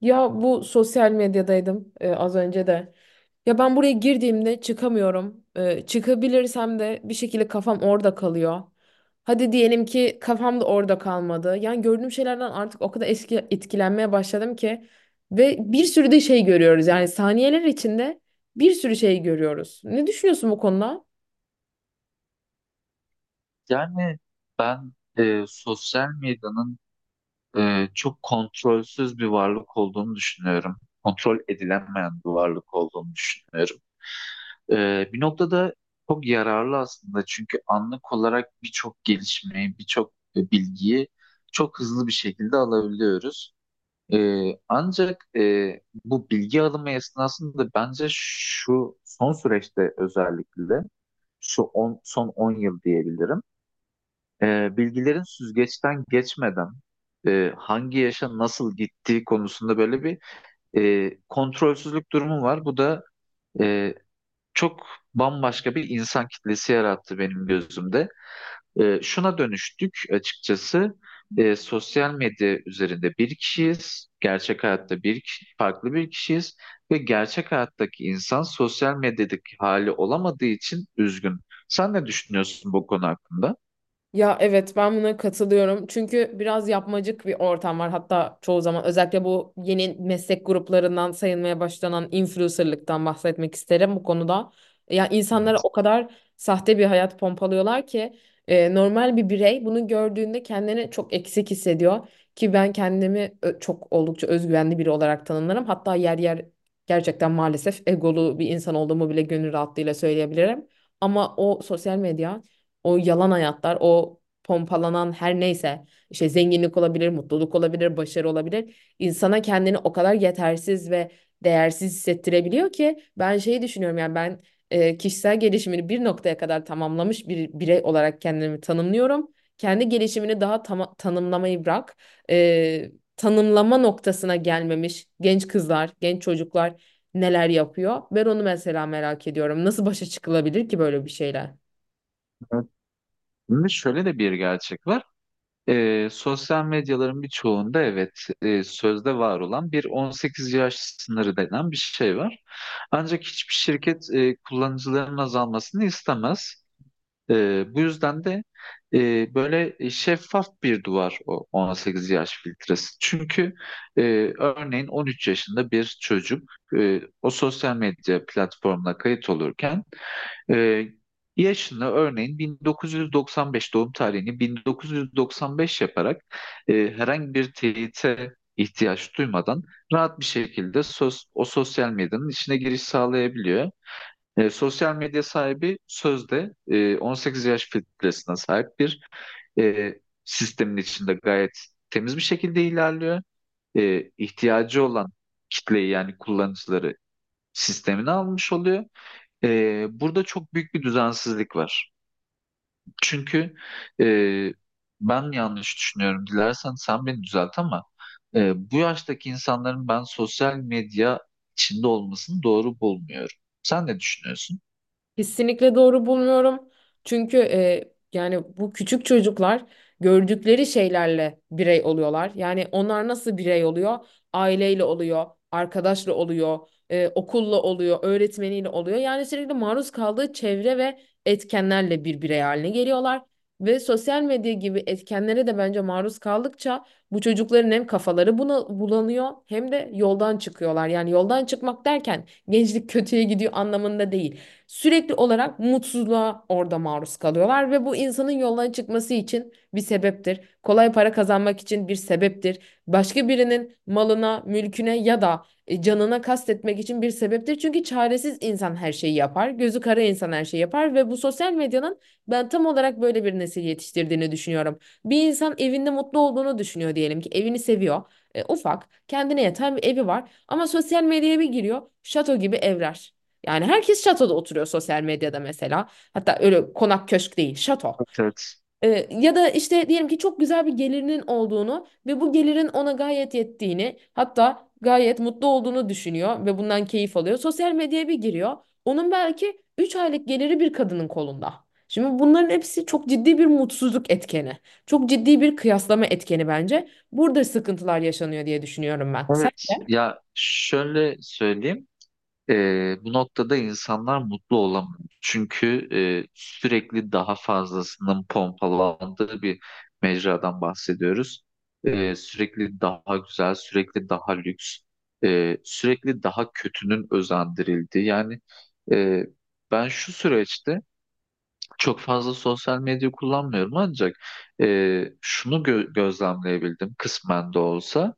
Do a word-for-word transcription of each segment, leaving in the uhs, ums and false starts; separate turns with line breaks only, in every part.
Ya bu sosyal medyadaydım e, az önce de. Ya ben buraya girdiğimde çıkamıyorum. E, çıkabilirsem de bir şekilde kafam orada kalıyor. Hadi diyelim ki kafam da orada kalmadı. Yani gördüğüm şeylerden artık o kadar eski etkilenmeye başladım ki ve bir sürü de şey görüyoruz. Yani saniyeler içinde bir sürü şey görüyoruz. Ne düşünüyorsun bu konuda?
Yani ben e, Sosyal medyanın e, çok kontrolsüz bir varlık olduğunu düşünüyorum. Kontrol edilemeyen bir varlık olduğunu düşünüyorum. E, bir noktada çok yararlı aslında çünkü anlık olarak birçok gelişmeyi, birçok e, bilgiyi çok hızlı bir şekilde alabiliyoruz. E, ancak e, Bu bilgi alımı esnasında bence şu son süreçte özellikle, şu on, son on yıl diyebilirim ee, bilgilerin süzgeçten geçmeden e, hangi yaşa nasıl gittiği konusunda böyle bir e, kontrolsüzlük durumu var. Bu da e, çok bambaşka bir insan kitlesi yarattı benim gözümde. E, şuna dönüştük açıkçası. E, sosyal medya üzerinde bir kişiyiz, gerçek hayatta bir kişi, farklı bir kişiyiz ve gerçek hayattaki insan sosyal medyadaki hali olamadığı için üzgün. Sen ne düşünüyorsun bu konu hakkında?
Ya evet, ben buna katılıyorum. Çünkü biraz yapmacık bir ortam var. Hatta çoğu zaman özellikle bu yeni meslek gruplarından sayılmaya başlanan influencerlıktan bahsetmek isterim bu konuda. Ya insanlara o kadar sahte bir hayat pompalıyorlar ki e, normal bir birey bunu gördüğünde kendini çok eksik hissediyor ki ben kendimi ö- çok oldukça özgüvenli biri olarak tanımlarım. Hatta yer yer gerçekten maalesef egolu bir insan olduğumu bile gönül rahatlığıyla söyleyebilirim. Ama o sosyal medya, o yalan hayatlar, o pompalanan her neyse, işte zenginlik olabilir, mutluluk olabilir, başarı olabilir. İnsana kendini o kadar yetersiz ve değersiz hissettirebiliyor ki ben şeyi düşünüyorum. Yani ben e, kişisel gelişimini bir noktaya kadar tamamlamış bir birey olarak kendimi tanımlıyorum. Kendi gelişimini daha tama- tanımlamayı bırak. E, Tanımlama noktasına gelmemiş genç kızlar, genç çocuklar neler yapıyor? Ben onu mesela merak ediyorum. Nasıl başa çıkılabilir ki böyle bir şeyler?
Şimdi şöyle de bir gerçek var. Ee, sosyal medyaların birçoğunda evet, e, sözde var olan bir on sekiz yaş sınırı denen bir şey var. Ancak hiçbir şirket e, kullanıcıların azalmasını istemez. Ee, bu yüzden de e, böyle şeffaf bir duvar o on sekiz yaş filtresi. Çünkü e, örneğin on üç yaşında bir çocuk, e, o sosyal medya platformuna kayıt olurken ee, yaşını örneğin bin dokuz yüz doksan beş, doğum tarihini bin dokuz yüz doksan beş yaparak e, herhangi bir teyite ihtiyaç duymadan rahat bir şekilde söz, o sosyal medyanın içine giriş sağlayabiliyor. E, sosyal medya sahibi sözde e, on sekiz yaş filtresine sahip bir e, sistemin içinde gayet temiz bir şekilde ilerliyor. E, ihtiyacı olan kitleyi yani kullanıcıları sistemine almış oluyor. Ee, burada çok büyük bir düzensizlik var. Çünkü e, ben yanlış düşünüyorum. Dilersen sen beni düzelt ama e, bu yaştaki insanların ben sosyal medya içinde olmasını doğru bulmuyorum. Sen ne düşünüyorsun?
Kesinlikle doğru bulmuyorum. Çünkü e, yani bu küçük çocuklar gördükleri şeylerle birey oluyorlar. Yani onlar nasıl birey oluyor? Aileyle oluyor, arkadaşla oluyor, e, okulla oluyor, öğretmeniyle oluyor. Yani sürekli maruz kaldığı çevre ve etkenlerle bir birey haline geliyorlar. Ve sosyal medya gibi etkenlere de bence maruz kaldıkça bu çocukların hem kafaları buna bulanıyor hem de yoldan çıkıyorlar. Yani yoldan çıkmak derken gençlik kötüye gidiyor anlamında değil. Sürekli olarak mutsuzluğa orada maruz kalıyorlar ve bu insanın yoldan çıkması için bir sebeptir. Kolay para kazanmak için bir sebeptir. Başka birinin malına, mülküne ya da e, canına kastetmek için bir sebeptir. Çünkü çaresiz insan her şeyi yapar. Gözü kara insan her şeyi yapar ve bu sosyal medyanın ben tam olarak böyle bir nesil yetiştirdiğini düşünüyorum. Bir insan evinde mutlu olduğunu düşünüyor, diyelim ki evini seviyor. E, ufak, kendine yatan bir evi var ama sosyal medyaya bir giriyor. Şato gibi evler. Yani herkes şatoda oturuyor sosyal medyada mesela. Hatta öyle konak köşk değil, şato.
Evet.
Ee, ya da işte diyelim ki çok güzel bir gelirinin olduğunu ve bu gelirin ona gayet yettiğini, hatta gayet mutlu olduğunu düşünüyor ve bundan keyif alıyor. Sosyal medyaya bir giriyor. Onun belki üç aylık geliri bir kadının kolunda. Şimdi bunların hepsi çok ciddi bir mutsuzluk etkeni. Çok ciddi bir kıyaslama etkeni bence. Burada sıkıntılar yaşanıyor diye düşünüyorum ben. Sen
Evet.
de?
Ya şöyle söyleyeyim. Ee, bu noktada insanlar mutlu olamıyor. Çünkü e, sürekli daha fazlasının pompalandığı bir mecradan bahsediyoruz. Ee, sürekli daha güzel, sürekli daha lüks, e, sürekli daha kötünün özendirildiği. Yani e, ben şu süreçte çok fazla sosyal medya kullanmıyorum, ancak e, şunu gö- gözlemleyebildim kısmen de olsa.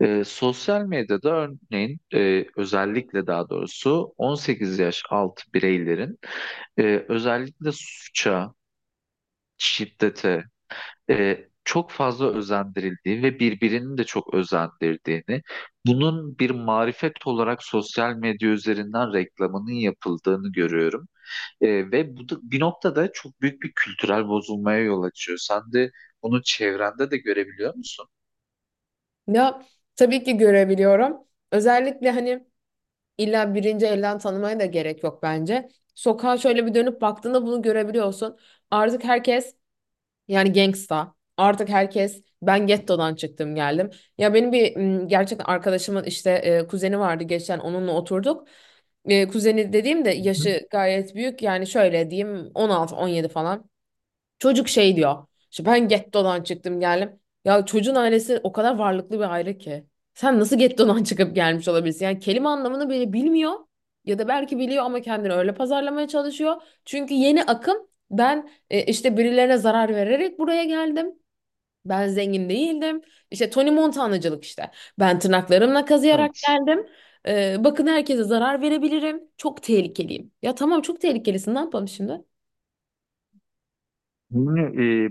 E, sosyal medyada örneğin, e, özellikle daha doğrusu on sekiz yaş altı bireylerin e, özellikle suça, şiddete e, çok fazla özendirildiği ve birbirini de çok özendirdiğini, bunun bir marifet olarak sosyal medya üzerinden reklamının yapıldığını görüyorum. E, ve bu da bir noktada çok büyük bir kültürel bozulmaya yol açıyor. Sen de bunu çevrende de görebiliyor musun?
Ya tabii ki görebiliyorum. Özellikle hani İlla birinci elden tanımaya da gerek yok bence. Sokağa şöyle bir dönüp baktığında bunu görebiliyorsun. Artık herkes yani gangsta. Artık herkes ben gettodan çıktım geldim. Ya benim bir m, gerçekten arkadaşımın işte e, kuzeni vardı, geçen onunla oturduk. E, kuzeni dediğim de
Hı hı.
yaşı gayet büyük, yani şöyle diyeyim, on altı on yedi falan. Çocuk şey diyor. İşte ben gettodan çıktım geldim. Ya çocuğun ailesi o kadar varlıklı bir aile ki. Sen nasıl gettodan çıkıp gelmiş olabilirsin? Yani kelime anlamını bile bilmiyor. Ya da belki biliyor ama kendini öyle pazarlamaya çalışıyor. Çünkü yeni akım, ben e, işte birilerine zarar vererek buraya geldim. Ben zengin değildim. İşte Tony Montana'cılık işte. Ben tırnaklarımla kazıyarak
Evet.
geldim. E, bakın, herkese zarar verebilirim. Çok tehlikeliyim. Ya tamam, çok tehlikelisin, ne yapalım şimdi?
Şimdi,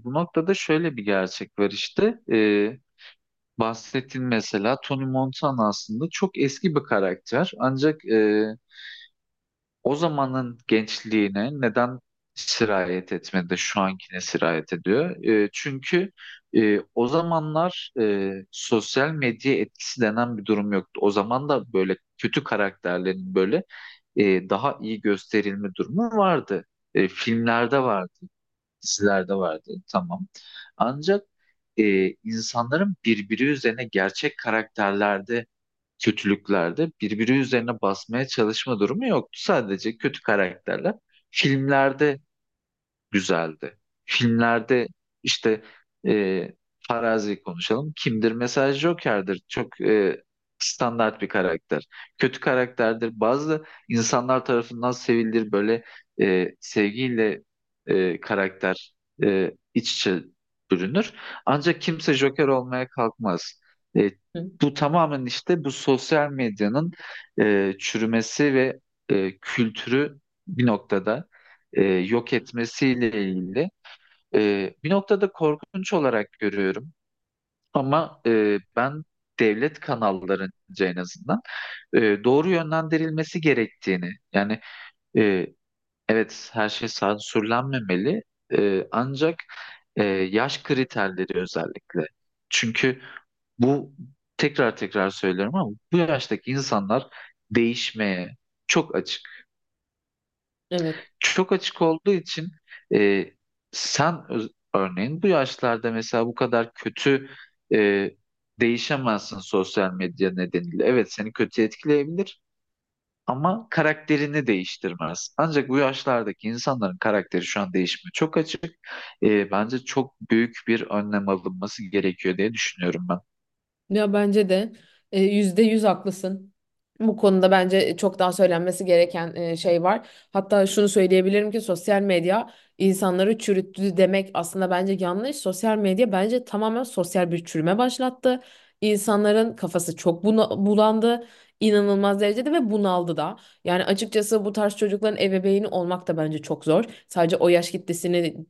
e, bu noktada şöyle bir gerçek var işte. E, bahsettiğin mesela Tony Montana aslında çok eski bir karakter. Ancak e, o zamanın gençliğine neden sirayet etmedi de şu ankine sirayet ediyor? E, çünkü e, o zamanlar e, sosyal medya etkisi denen bir durum yoktu. O zaman da böyle kötü karakterlerin böyle e, daha iyi gösterilme durumu vardı. E, filmlerde vardı, dizilerde vardı. Tamam. Ancak e, insanların birbiri üzerine gerçek karakterlerde, kötülüklerde birbiri üzerine basmaya çalışma durumu yoktu. Sadece kötü karakterler filmlerde güzeldi. Filmlerde işte e, Farazi'yi konuşalım. Kimdir? Mesela Joker'dir. Çok e, standart bir karakter. Kötü karakterdir. Bazı insanlar tarafından sevilir. Böyle e, sevgiyle e, karakter e, iç içe bürünür. Ancak kimse Joker olmaya kalkmaz. E,
Hı.
Bu tamamen işte bu sosyal medyanın e, çürümesi ve e, kültürü bir noktada e, yok etmesiyle ilgili. E, bir noktada korkunç olarak görüyorum ama e, ben devlet kanallarınca en azından e, doğru yönlendirilmesi gerektiğini, yani e, evet, her şey sansürlenmemeli, e, ancak e, yaş kriterleri özellikle. Çünkü bu, tekrar tekrar söylüyorum ama, bu yaştaki insanlar değişmeye çok açık.
Evet.
Çok açık olduğu için e, sen öz- örneğin bu yaşlarda mesela bu kadar kötü e, değişemezsin sosyal medya nedeniyle. Evet, seni kötü etkileyebilir ama karakterini değiştirmez. Ancak bu yaşlardaki insanların karakteri şu an değişmiyor. Çok açık. E, bence çok büyük bir önlem alınması gerekiyor diye düşünüyorum ben.
Ya bence de e, yüzde yüz haklısın. Bu konuda bence çok daha söylenmesi gereken e, şey var. Hatta şunu söyleyebilirim ki sosyal medya insanları çürüttü demek aslında bence yanlış. Sosyal medya bence tamamen sosyal bir çürüme başlattı. İnsanların kafası çok buna bulandı. İnanılmaz derecede ve bunaldı da. Yani açıkçası bu tarz çocukların ebeveyni olmak da bence çok zor. Sadece o yaş kitlesini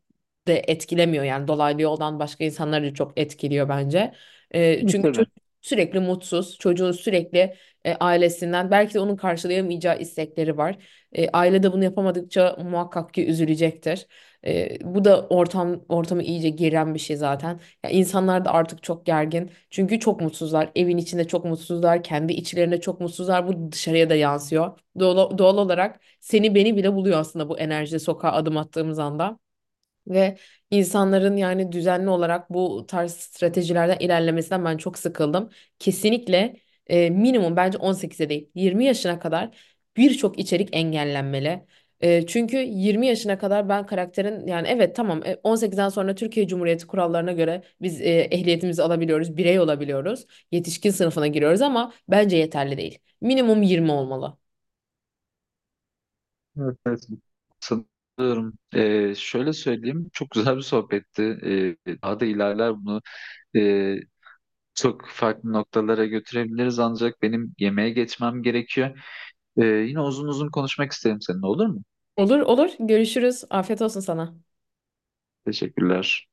de etkilemiyor, yani dolaylı yoldan başka insanları da çok etkiliyor bence. E,
Evet,
çünkü
tabii.
çocuk sürekli mutsuz, çocuğun sürekli e, ailesinden belki de onun karşılayamayacağı istekleri var. E, aile de bunu yapamadıkça muhakkak ki üzülecektir. E, bu da ortam ortamı iyice geren bir şey zaten. Ya insanlar da artık çok gergin. Çünkü çok mutsuzlar. Evin içinde çok mutsuzlar, kendi içlerinde çok mutsuzlar. Bu dışarıya da yansıyor. Doğal, doğal olarak seni beni bile buluyor aslında bu enerji sokağa adım attığımız anda. Ve insanların yani düzenli olarak bu tarz stratejilerden ilerlemesinden ben çok sıkıldım. Kesinlikle e, minimum bence on sekize değil, yirmi yaşına kadar birçok içerik engellenmeli. E, çünkü yirmi yaşına kadar ben karakterin, yani evet tamam, e, on sekizden sonra Türkiye Cumhuriyeti kurallarına göre biz e, ehliyetimizi alabiliyoruz, birey olabiliyoruz, yetişkin sınıfına giriyoruz, ama bence yeterli değil. Minimum yirmi olmalı.
Evet, evet. San- e, Şöyle söyleyeyim, çok güzel bir sohbetti. E, daha da ilerler bunu. E, Çok farklı noktalara götürebiliriz ancak benim yemeğe geçmem gerekiyor. Ee, yine uzun uzun konuşmak isterim seninle, olur mu?
Olur olur, görüşürüz. Afiyet olsun sana.
Teşekkürler.